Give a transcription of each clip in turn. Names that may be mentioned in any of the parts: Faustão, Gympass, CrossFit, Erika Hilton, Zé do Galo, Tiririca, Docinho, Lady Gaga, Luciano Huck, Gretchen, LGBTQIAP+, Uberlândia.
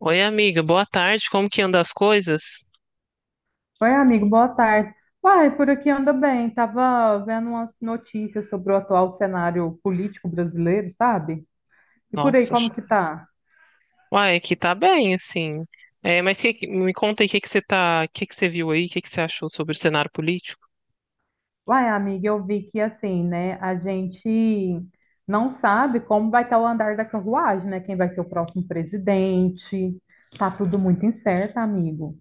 Oi, amiga, boa tarde. Como que anda as coisas? Oi, amigo, boa tarde. Uai, por aqui anda bem. Tava vendo umas notícias sobre o atual cenário político brasileiro, sabe? E por aí, Nossa, como que tá? uai, aqui tá bem, assim. É, mas me conta aí o que que você tá, o que que você viu aí, o que que você achou sobre o cenário político? Uai, amiga, eu vi que assim, né, a gente não sabe como vai estar o andar da carruagem, né? Quem vai ser o próximo presidente. Tá tudo muito incerto, amigo.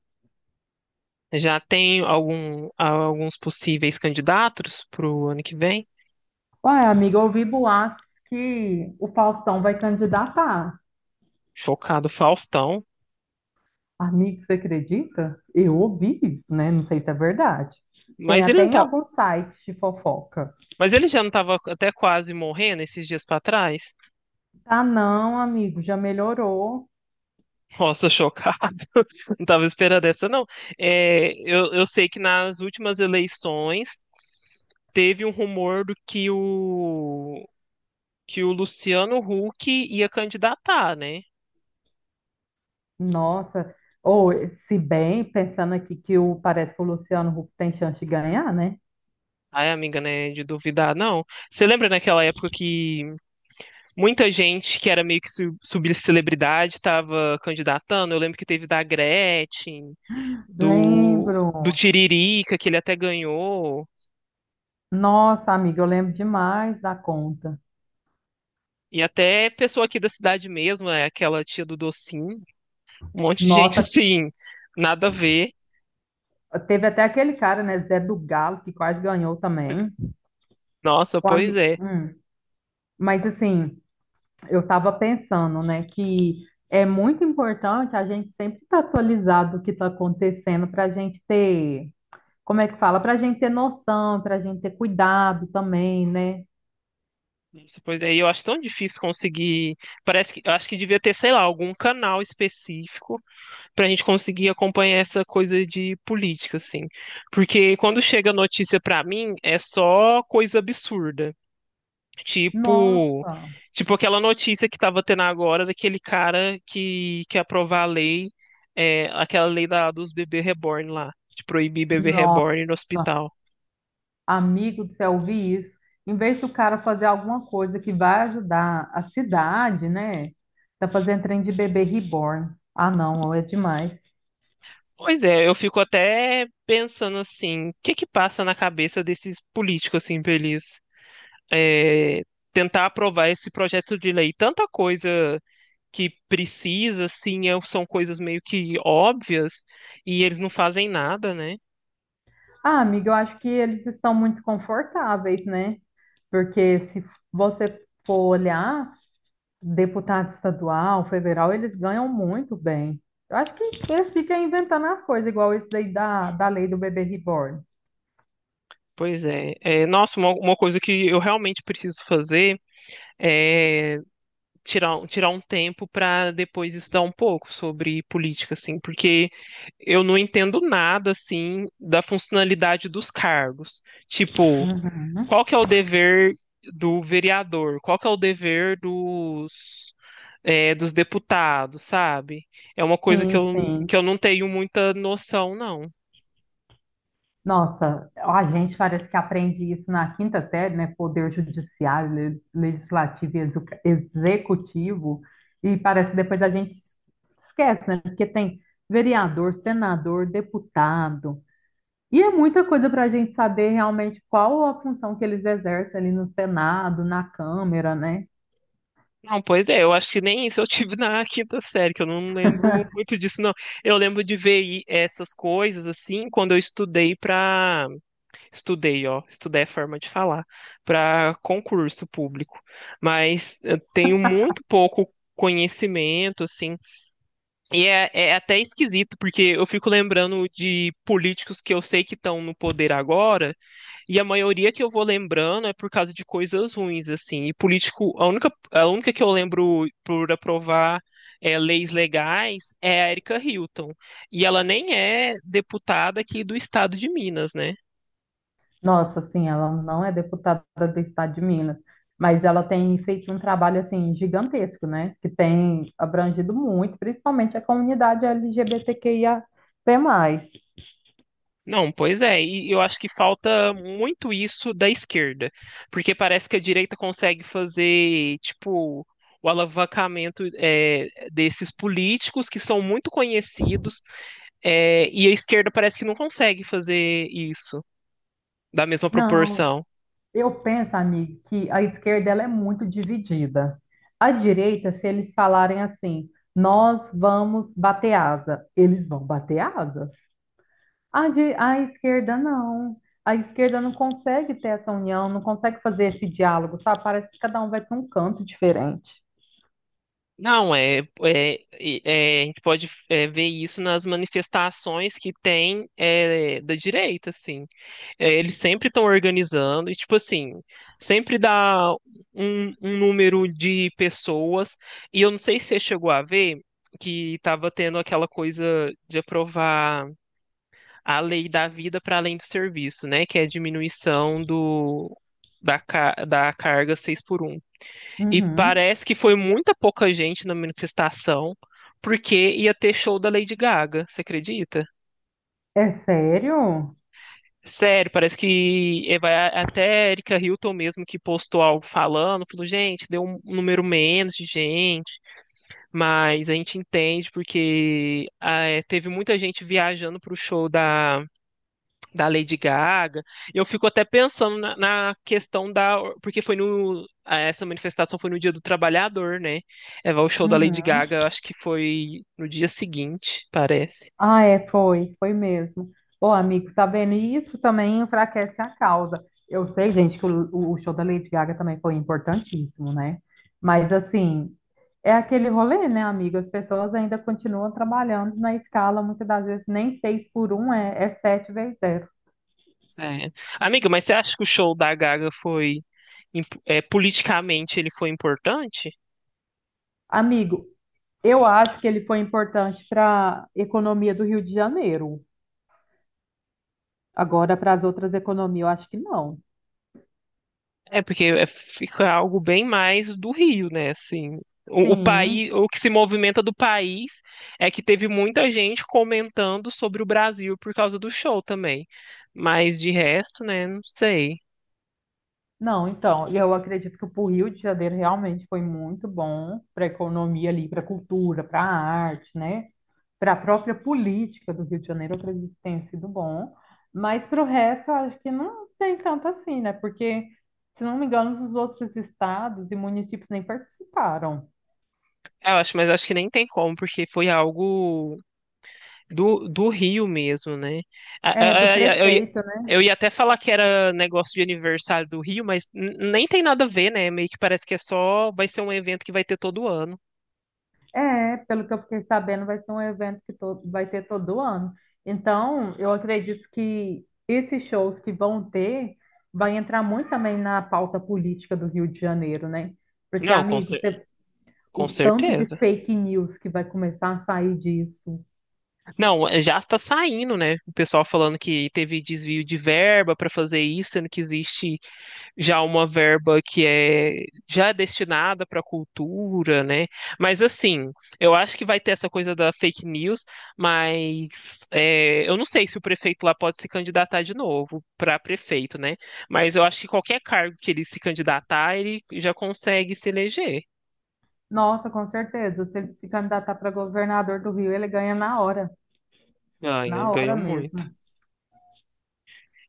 Já tem alguns possíveis candidatos pro ano que vem? Uai, amiga, eu ouvi boatos que o Faustão vai candidatar. Chocado, Faustão. Amigo, você acredita? Eu ouvi isso, né? Não sei se é verdade. Tem Mas ele até não em tá, alguns sites de fofoca. mas ele já não tava até quase morrendo esses dias pra trás? Ah, não, amigo, já melhorou. Nossa, chocado. Não tava esperando essa, não. É, eu sei que nas últimas eleições teve um rumor do que o Luciano Huck ia candidatar, né? Nossa. Ou, se bem, pensando aqui que o, parece que o Luciano Huck tem chance de ganhar, né? Ai, amiga, né? De duvidar, não. Você lembra naquela época que muita gente que era meio que subcelebridade estava candidatando? Eu lembro que teve da Gretchen, do Lembro. Tiririca, que ele até ganhou. Nossa, amigo, eu lembro demais da conta. E até pessoa aqui da cidade mesmo, né? Aquela tia do Docinho. Um monte de gente, Nossa, assim, nada a ver. teve até aquele cara, né? Zé do Galo, que quase ganhou também. Nossa, O pois ami- é. Hum. Mas assim. Eu estava pensando, né, que é muito importante a gente sempre estar atualizado do que está acontecendo para a gente ter, como é que fala? Para a gente ter noção, para a gente ter cuidado também, né? Isso, pois é, e eu acho tão difícil conseguir. Parece que eu acho que devia ter, sei lá, algum canal específico para a gente conseguir acompanhar essa coisa de política, assim. Porque quando chega notícia para mim, é só coisa absurda. Tipo, Nossa, tipo aquela notícia que tava tendo agora daquele cara que quer aprovar a lei, aquela lei dos bebês reborn lá, de proibir bebê nossa, reborn no hospital. amigo do céu, eu vi isso. Em vez do cara fazer alguma coisa que vai ajudar a cidade, né? Tá fazendo trem de bebê reborn. Ah, não, é demais. Pois é, eu fico até pensando assim, o que que passa na cabeça desses políticos assim, pra eles é, tentar aprovar esse projeto de lei? Tanta coisa que precisa, assim, são coisas meio que óbvias e eles não fazem nada, né? Ah, amiga, eu acho que eles estão muito confortáveis, né? Porque se você for olhar, deputado estadual, federal, eles ganham muito bem. Eu acho que eles ficam inventando as coisas, igual isso daí da lei do bebê reborn. Pois é. É, nossa, uma coisa que eu realmente preciso fazer é tirar, tirar um tempo para depois estudar um pouco sobre política, assim, porque eu não entendo nada, assim, da funcionalidade dos cargos. Tipo, Uhum. qual que é o dever do vereador? Qual que é o dever dos, dos deputados, sabe? É uma coisa que Sim, eu, sim. que eu não tenho muita noção, não. Nossa, a gente parece que aprende isso na quinta série, né? Poder judiciário, legislativo e executivo, e parece que depois a gente esquece, né? Porque tem vereador, senador, deputado, e é muita coisa para a gente saber realmente qual a função que eles exercem ali no Senado, na Câmara, né? Não, pois é, eu acho que nem isso eu tive na quinta série, que eu não lembro muito disso, não. Eu lembro de ver essas coisas, assim, quando eu estudei para estudei, ó, estudei a forma de falar para concurso público, mas eu tenho muito pouco conhecimento, assim, e é até esquisito, porque eu fico lembrando de políticos que eu sei que estão no poder agora, e a maioria que eu vou lembrando é por causa de coisas ruins, assim, e político, a única que eu lembro por aprovar. É, leis legais é a Erika Hilton. E ela nem é deputada aqui do estado de Minas, né? Nossa, sim, ela não é deputada do estado de Minas, mas ela tem feito um trabalho assim gigantesco, né? Que tem abrangido muito, principalmente a comunidade LGBTQIAP+. Não, pois é, e eu acho que falta muito isso da esquerda, porque parece que a direita consegue fazer, tipo, o alavancamento desses políticos que são muito conhecidos, e a esquerda parece que não consegue fazer isso da mesma Não, proporção. eu penso, amigo, que a esquerda ela é muito dividida. A direita, se eles falarem assim, nós vamos bater asa, eles vão bater asa. A, a esquerda não. A esquerda não consegue ter essa união, não consegue fazer esse diálogo, sabe? Parece que cada um vai para um canto diferente. Não, a gente pode ver isso nas manifestações que tem da direita, assim. É, eles sempre estão organizando, e tipo assim, sempre dá um número de pessoas, e eu não sei se você chegou a ver que estava tendo aquela coisa de aprovar a lei da vida para além do serviço, né? Que é a diminuição da carga 6 por um. E Uhum. parece que foi muita pouca gente na manifestação, porque ia ter show da Lady Gaga, você acredita? É sério? Sério, parece que vai até a Erika Hilton mesmo que postou algo falando, falou, gente, deu um número menos de gente, mas a gente entende porque teve muita gente viajando pro show da Lady Gaga. Eu fico até pensando na questão da. Porque foi no. Essa manifestação foi no Dia do Trabalhador, né? É, o show da Lady Uhum. Gaga, eu acho que foi no dia seguinte, parece. Ah, é, foi, foi mesmo. Ô, amigo, tá vendo? E isso também enfraquece a causa. Eu sei, gente, que o show da Lady Gaga também foi importantíssimo, né? Mas, assim, é aquele rolê, né, amigo? As pessoas ainda continuam trabalhando na escala, muitas das vezes nem seis por um é, é sete vezes zero. É. Amiga, mas você acha que o show da Gaga foi. É, politicamente ele foi importante? Amigo, eu acho que ele foi importante para a economia do Rio de Janeiro. Agora, para as outras economias, eu acho que não. É porque fica algo bem mais do Rio, né? Assim, o Sim. país, o que se movimenta do país é que teve muita gente comentando sobre o Brasil por causa do show também. Mas de resto, né? Não sei. Não, então, e eu acredito que para o Rio de Janeiro realmente foi muito bom para a economia ali, para a cultura, para a arte, né? Para a própria política do Rio de Janeiro, eu acredito que tenha sido bom. Mas para o resto, eu acho que não tem tanto assim, né? Porque, se não me engano, os outros estados e municípios nem participaram. Eu acho, mas acho que nem tem como, porque foi algo do Rio mesmo, né? A- É, do a- a- Eu, ia- prefeito. eu ia até falar que era negócio de aniversário do Rio, mas nem tem nada a ver, né? Meio que parece que é só, vai ser um evento que vai ter todo ano. É, pelo que eu fiquei sabendo, vai ser um evento que todo, vai ter todo ano. Então, eu acredito que esses shows que vão ter vai entrar muito também na pauta política do Rio de Janeiro, né? Porque, Não, amigo, você- o com tanto de certeza. fake news que vai começar a sair disso. Não, é, já está saindo, né? O pessoal falando que teve desvio de verba para fazer isso, sendo que existe já uma verba que é já é destinada para cultura, né? Mas assim, eu acho que vai ter essa coisa da fake news, mas é, eu não sei se o prefeito lá pode se candidatar de novo para prefeito, né? Mas eu acho que qualquer cargo que ele se candidatar, ele já consegue se eleger. Nossa, com certeza. Se ele se candidatar para governador do Rio, ele ganha Ganha, na ganha hora muito. mesmo.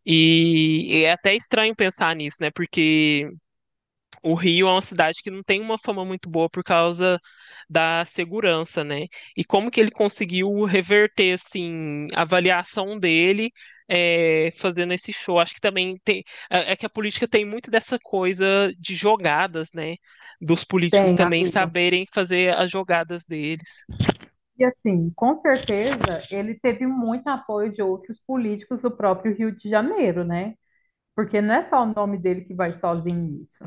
E é até estranho pensar nisso, né? Porque o Rio é uma cidade que não tem uma fama muito boa por causa da segurança, né? E como que ele conseguiu reverter, assim, a avaliação dele fazendo esse show? Acho que também tem. É que a política tem muito dessa coisa de jogadas, né? Dos políticos Tem, também amigo. saberem fazer as jogadas dele. E assim, com certeza, ele teve muito apoio de outros políticos do próprio Rio de Janeiro, né? Porque não é só o nome dele que vai sozinho nisso.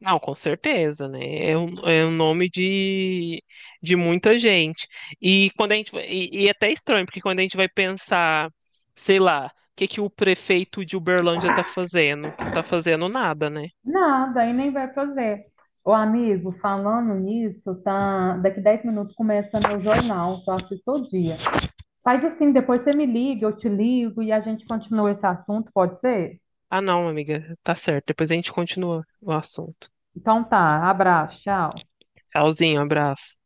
Não, com certeza, né? É um nome de muita gente. E quando a gente vai- e é até estranho, porque quando a gente vai pensar, sei lá, o que que o prefeito de Uberlândia tá fazendo? Não tá fazendo nada, né? Nada, aí nem vai fazer. Ô, amigo, falando nisso, tá... daqui 10 minutos começa meu jornal, que eu assisto todo dia. Faz assim, depois você me liga, eu te ligo e a gente continua esse assunto, pode ser? Ah, não, amiga, tá certo. Depois a gente continua o assunto. Então tá, abraço, tchau. Tchauzinho, abraço.